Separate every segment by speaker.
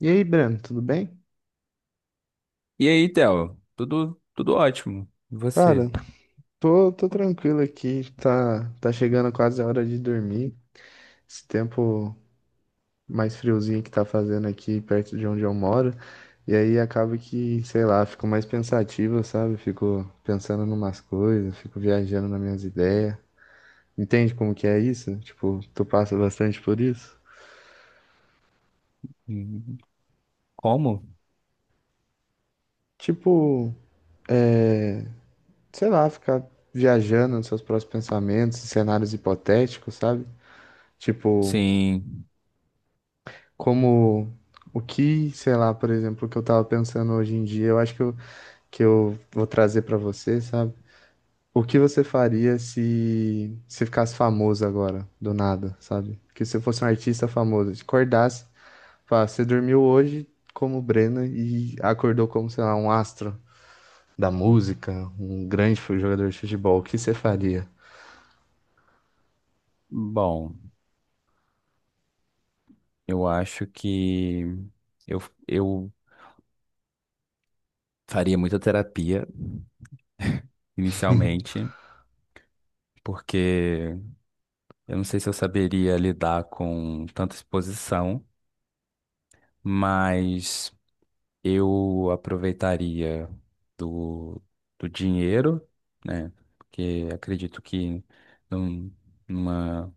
Speaker 1: E aí, Breno, tudo bem?
Speaker 2: E aí, Theo? Tudo ótimo. E você?
Speaker 1: Cara, tô tranquilo aqui. Tá chegando quase a hora de dormir. Esse tempo mais friozinho que tá fazendo aqui perto de onde eu moro. E aí acaba que, sei lá, fico mais pensativo, sabe? Fico pensando em umas coisas, fico viajando nas minhas ideias. Entende como que é isso? Tipo, tu passa bastante por isso?
Speaker 2: Hum, Como?
Speaker 1: Tipo, sei lá, ficar viajando nos seus próprios pensamentos, cenários hipotéticos, sabe? Tipo,
Speaker 2: Sim.
Speaker 1: como o que, sei lá, por exemplo, o que eu tava pensando hoje em dia, eu acho que eu vou trazer pra você, sabe? O que você faria se ficasse famoso agora, do nada, sabe? Que você fosse um artista famoso, te acordasse, falasse, você dormiu hoje como Breno e acordou como, sei lá, um astro da música, um grande jogador de futebol, o que você faria?
Speaker 2: Bom, eu acho que eu, eu faria muita terapia inicialmente, porque eu não sei se eu saberia lidar com tanta exposição, mas eu aproveitaria do, do dinheiro, né? Porque acredito que num- numa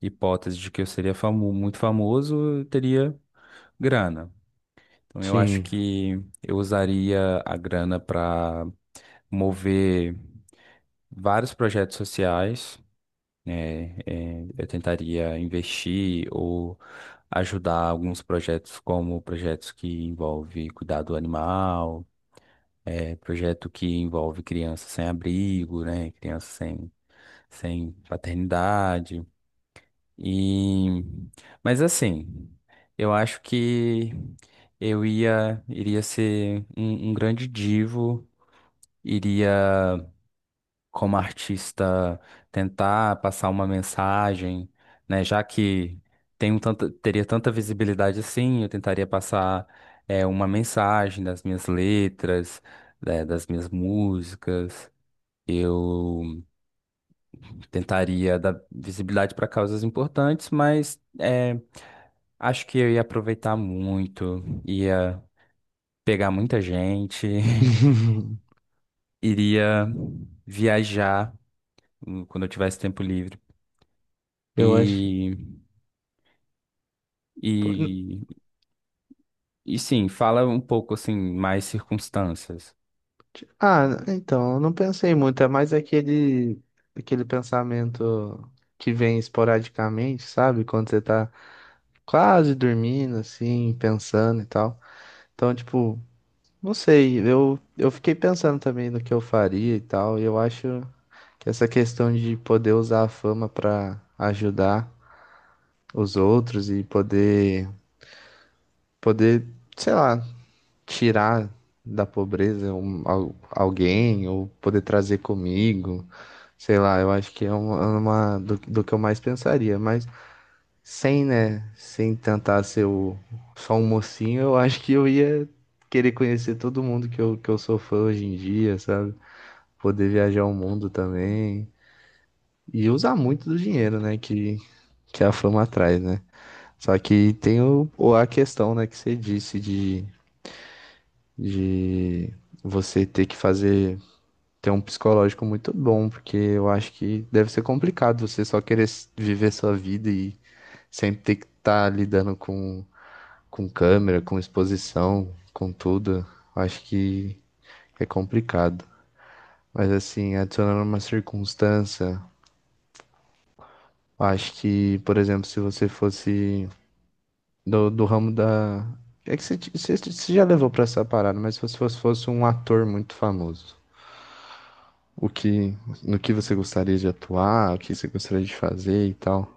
Speaker 2: hipótese de que eu seria famoso, muito famoso, eu teria grana. Então eu acho
Speaker 1: Sim.
Speaker 2: que eu usaria a grana para mover vários projetos sociais, né? Eh, eu tentaria investir ou ajudar alguns projetos, como projetos que envolve cuidado animal, projeto que envolve crianças sem abrigo, né? Crianças sem paternidade. E mas assim, eu acho que eu ia iria ser um grande divo, iria como artista tentar passar uma mensagem, né? Já que teria tanta visibilidade assim, eu tentaria passar uma mensagem das minhas letras, né, das minhas músicas. Eu tentaria dar visibilidade para causas importantes, mas acho que eu ia aproveitar muito, ia pegar muita gente, iria viajar quando eu tivesse tempo livre.
Speaker 1: Eu acho.
Speaker 2: E, e, e sim, fala um pouco assim, mais circunstâncias.
Speaker 1: Ah, então, eu não pensei muito, é mais aquele pensamento que vem esporadicamente, sabe? Quando você tá quase dormindo, assim, pensando e tal. Então, tipo, não sei, eu fiquei pensando também no que eu faria e tal, e eu acho que essa questão de poder usar a fama pra ajudar os outros e poder, sei lá, tirar da pobreza um, alguém ou poder trazer comigo. Sei lá, eu acho que é uma, uma do que eu mais pensaria, mas sem, né, sem tentar ser o, só um mocinho, eu acho que eu ia querer conhecer todo mundo que eu sou fã hoje em dia, sabe? Poder viajar o mundo também e usar muito do dinheiro, né, que a fama traz, né? Só que tem a questão, né, que você disse de você ter que fazer. Tem um psicológico muito bom, porque eu acho que deve ser complicado você só querer viver sua vida e sempre ter que estar lidando com câmera, com exposição, com tudo. Eu acho que é complicado. Mas assim, adicionando uma circunstância, eu acho que, por exemplo, se você fosse do ramo da. É que você já levou pra essa parada, mas se você fosse um ator muito famoso, o que, no que você gostaria de atuar, o que você gostaria de fazer e tal.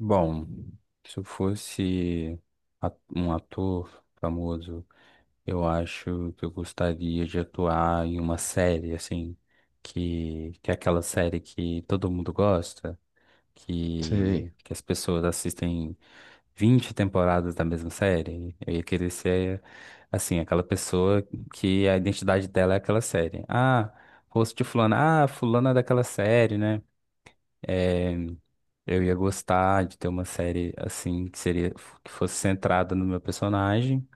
Speaker 2: Bom, se eu fosse um ator famoso, eu acho que eu gostaria de atuar em uma série, assim, que é aquela série que todo mundo gosta,
Speaker 1: Sei.
Speaker 2: que as pessoas assistem 20 temporadas da mesma série. Eu ia querer ser, assim, aquela pessoa que a identidade dela é aquela série. Ah, rosto de fulano. Ah, fulana é daquela série, né? É, eu ia gostar de ter uma série, assim, que fosse centrada no meu personagem.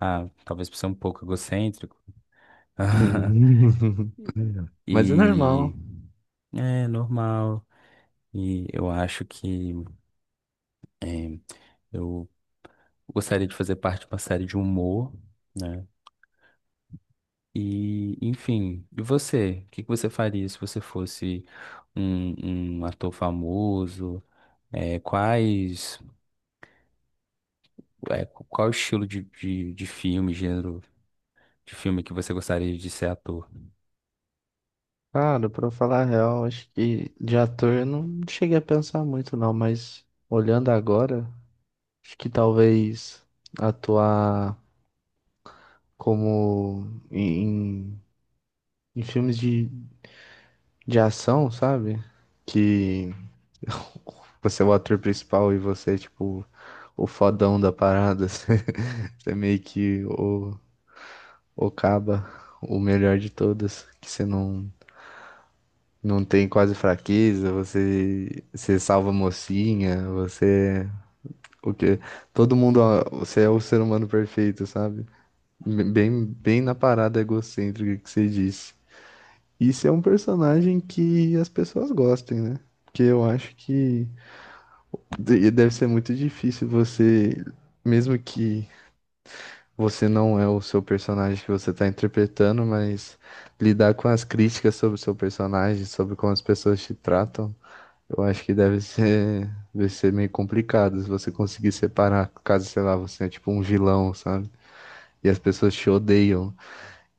Speaker 2: Ah, talvez por ser um pouco egocêntrico.
Speaker 1: Sim. Mas é
Speaker 2: E
Speaker 1: normal.
Speaker 2: é normal. E eu acho que eu gostaria de fazer parte de uma série de humor, né? E, enfim, e você? O que que você faria se você fosse um ator famoso? É, qual o estilo de, de filme, gênero de filme que você gostaria de ser ator?
Speaker 1: Cara, pra falar a real, acho que de ator eu não cheguei a pensar muito, não, mas olhando agora, acho que talvez atuar como em, em em filmes de ação, sabe? Que você é o ator principal e você é tipo o fodão da parada. Você é meio que o caba, o melhor de todas, que você não. Não tem quase fraqueza, você, salva a mocinha, você, o quê? Todo mundo, ó, você é o ser humano perfeito, sabe? Bem, bem na parada egocêntrica que você disse. Isso é um personagem que as pessoas gostem, né? Porque eu acho que deve ser muito difícil você, mesmo que você não é o seu personagem que você está interpretando, mas lidar com as críticas sobre o seu personagem, sobre como as pessoas te tratam. Eu acho que deve ser meio complicado se você conseguir separar, caso, sei lá, você é tipo um vilão, sabe? E as pessoas te odeiam.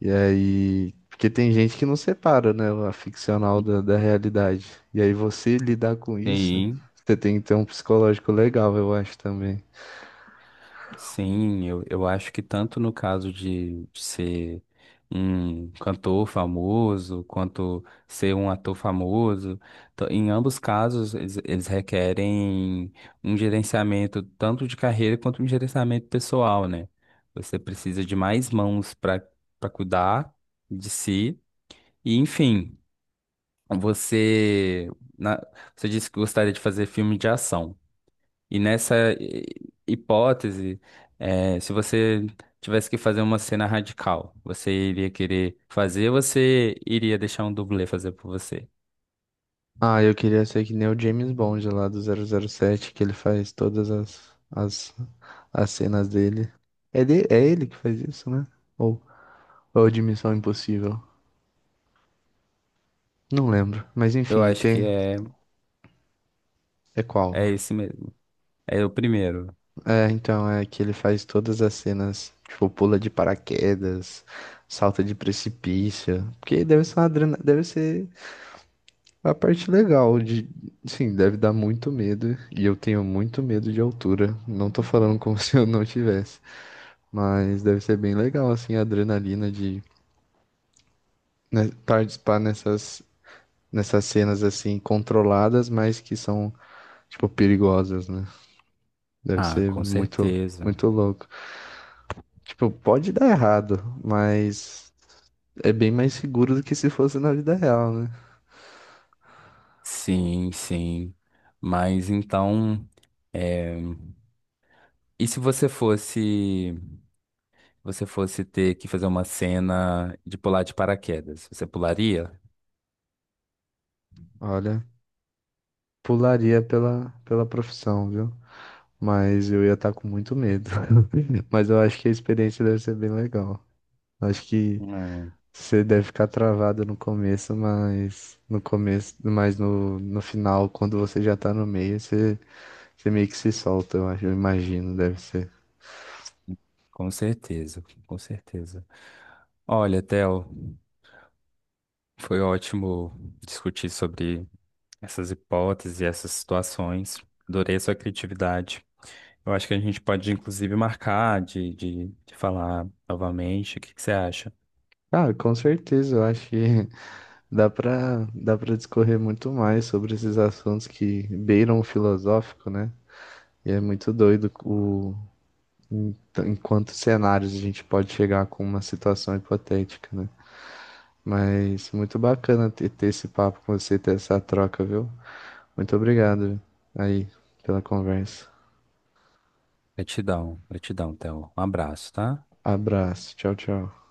Speaker 1: E aí. Porque tem gente que não separa, né? A ficcional da realidade. E aí você lidar com isso,
Speaker 2: Sim.
Speaker 1: você tem que ter um psicológico legal, eu acho também.
Speaker 2: Sim, eu acho que tanto no caso de ser um cantor famoso, quanto ser um ator famoso, em ambos casos eles requerem um gerenciamento tanto de carreira quanto um gerenciamento pessoal, né? Você precisa de mais mãos para cuidar de si. E, enfim, você, na- você disse que gostaria de fazer filme de ação. E nessa hipótese, se você tivesse que fazer uma cena radical, você iria querer fazer, ou você iria deixar um dublê fazer por você?
Speaker 1: Ah, eu queria ser que nem o James Bond lá do 007 que ele faz todas as cenas dele. É, é ele que faz isso, né? Ou, ou de Missão Impossível. Não lembro, mas
Speaker 2: Eu
Speaker 1: enfim,
Speaker 2: acho que
Speaker 1: tem. É qual?
Speaker 2: é esse mesmo. É o primeiro.
Speaker 1: É, então, é que ele faz todas as cenas, tipo, pula de paraquedas, salta de precipício. Porque deve ser uma deve ser a parte legal de. Sim, deve dar muito medo. E eu tenho muito medo de altura. Não tô falando como se eu não tivesse. Mas deve ser bem legal, assim, a adrenalina de né, participar nessas, cenas, assim, controladas, mas que são, tipo, perigosas, né? Deve
Speaker 2: Ah,
Speaker 1: ser
Speaker 2: com
Speaker 1: muito,
Speaker 2: certeza.
Speaker 1: muito louco. Tipo, pode dar errado, mas é bem mais seguro do que se fosse na vida real, né?
Speaker 2: Sim, sim. Mas então, é, e se você você fosse ter que fazer uma cena de pular de paraquedas, você pularia?
Speaker 1: Olha, pularia pela profissão, viu? Mas eu ia estar com muito medo. Mas eu acho que a experiência deve ser bem legal. Acho que
Speaker 2: É,
Speaker 1: você deve ficar travado no começo, mas no final, quando você já tá no meio, você meio que se solta, eu acho, eu imagino, deve ser.
Speaker 2: com certeza, com certeza. Olha, Theo, foi ótimo discutir sobre essas hipóteses e essas situações. Adorei a sua criatividade. Eu acho que a gente pode, inclusive, marcar de falar novamente. O que que você acha?
Speaker 1: Ah, com certeza, eu acho que dá pra discorrer muito mais sobre esses assuntos que beiram o filosófico, né? E é muito doido em quantos cenários a gente pode chegar com uma situação hipotética, né? Mas muito bacana ter esse papo com você, ter essa troca, viu? Muito obrigado aí pela conversa.
Speaker 2: Gratidão, gratidão, Theo. Um abraço, tá?
Speaker 1: Abraço, tchau, tchau.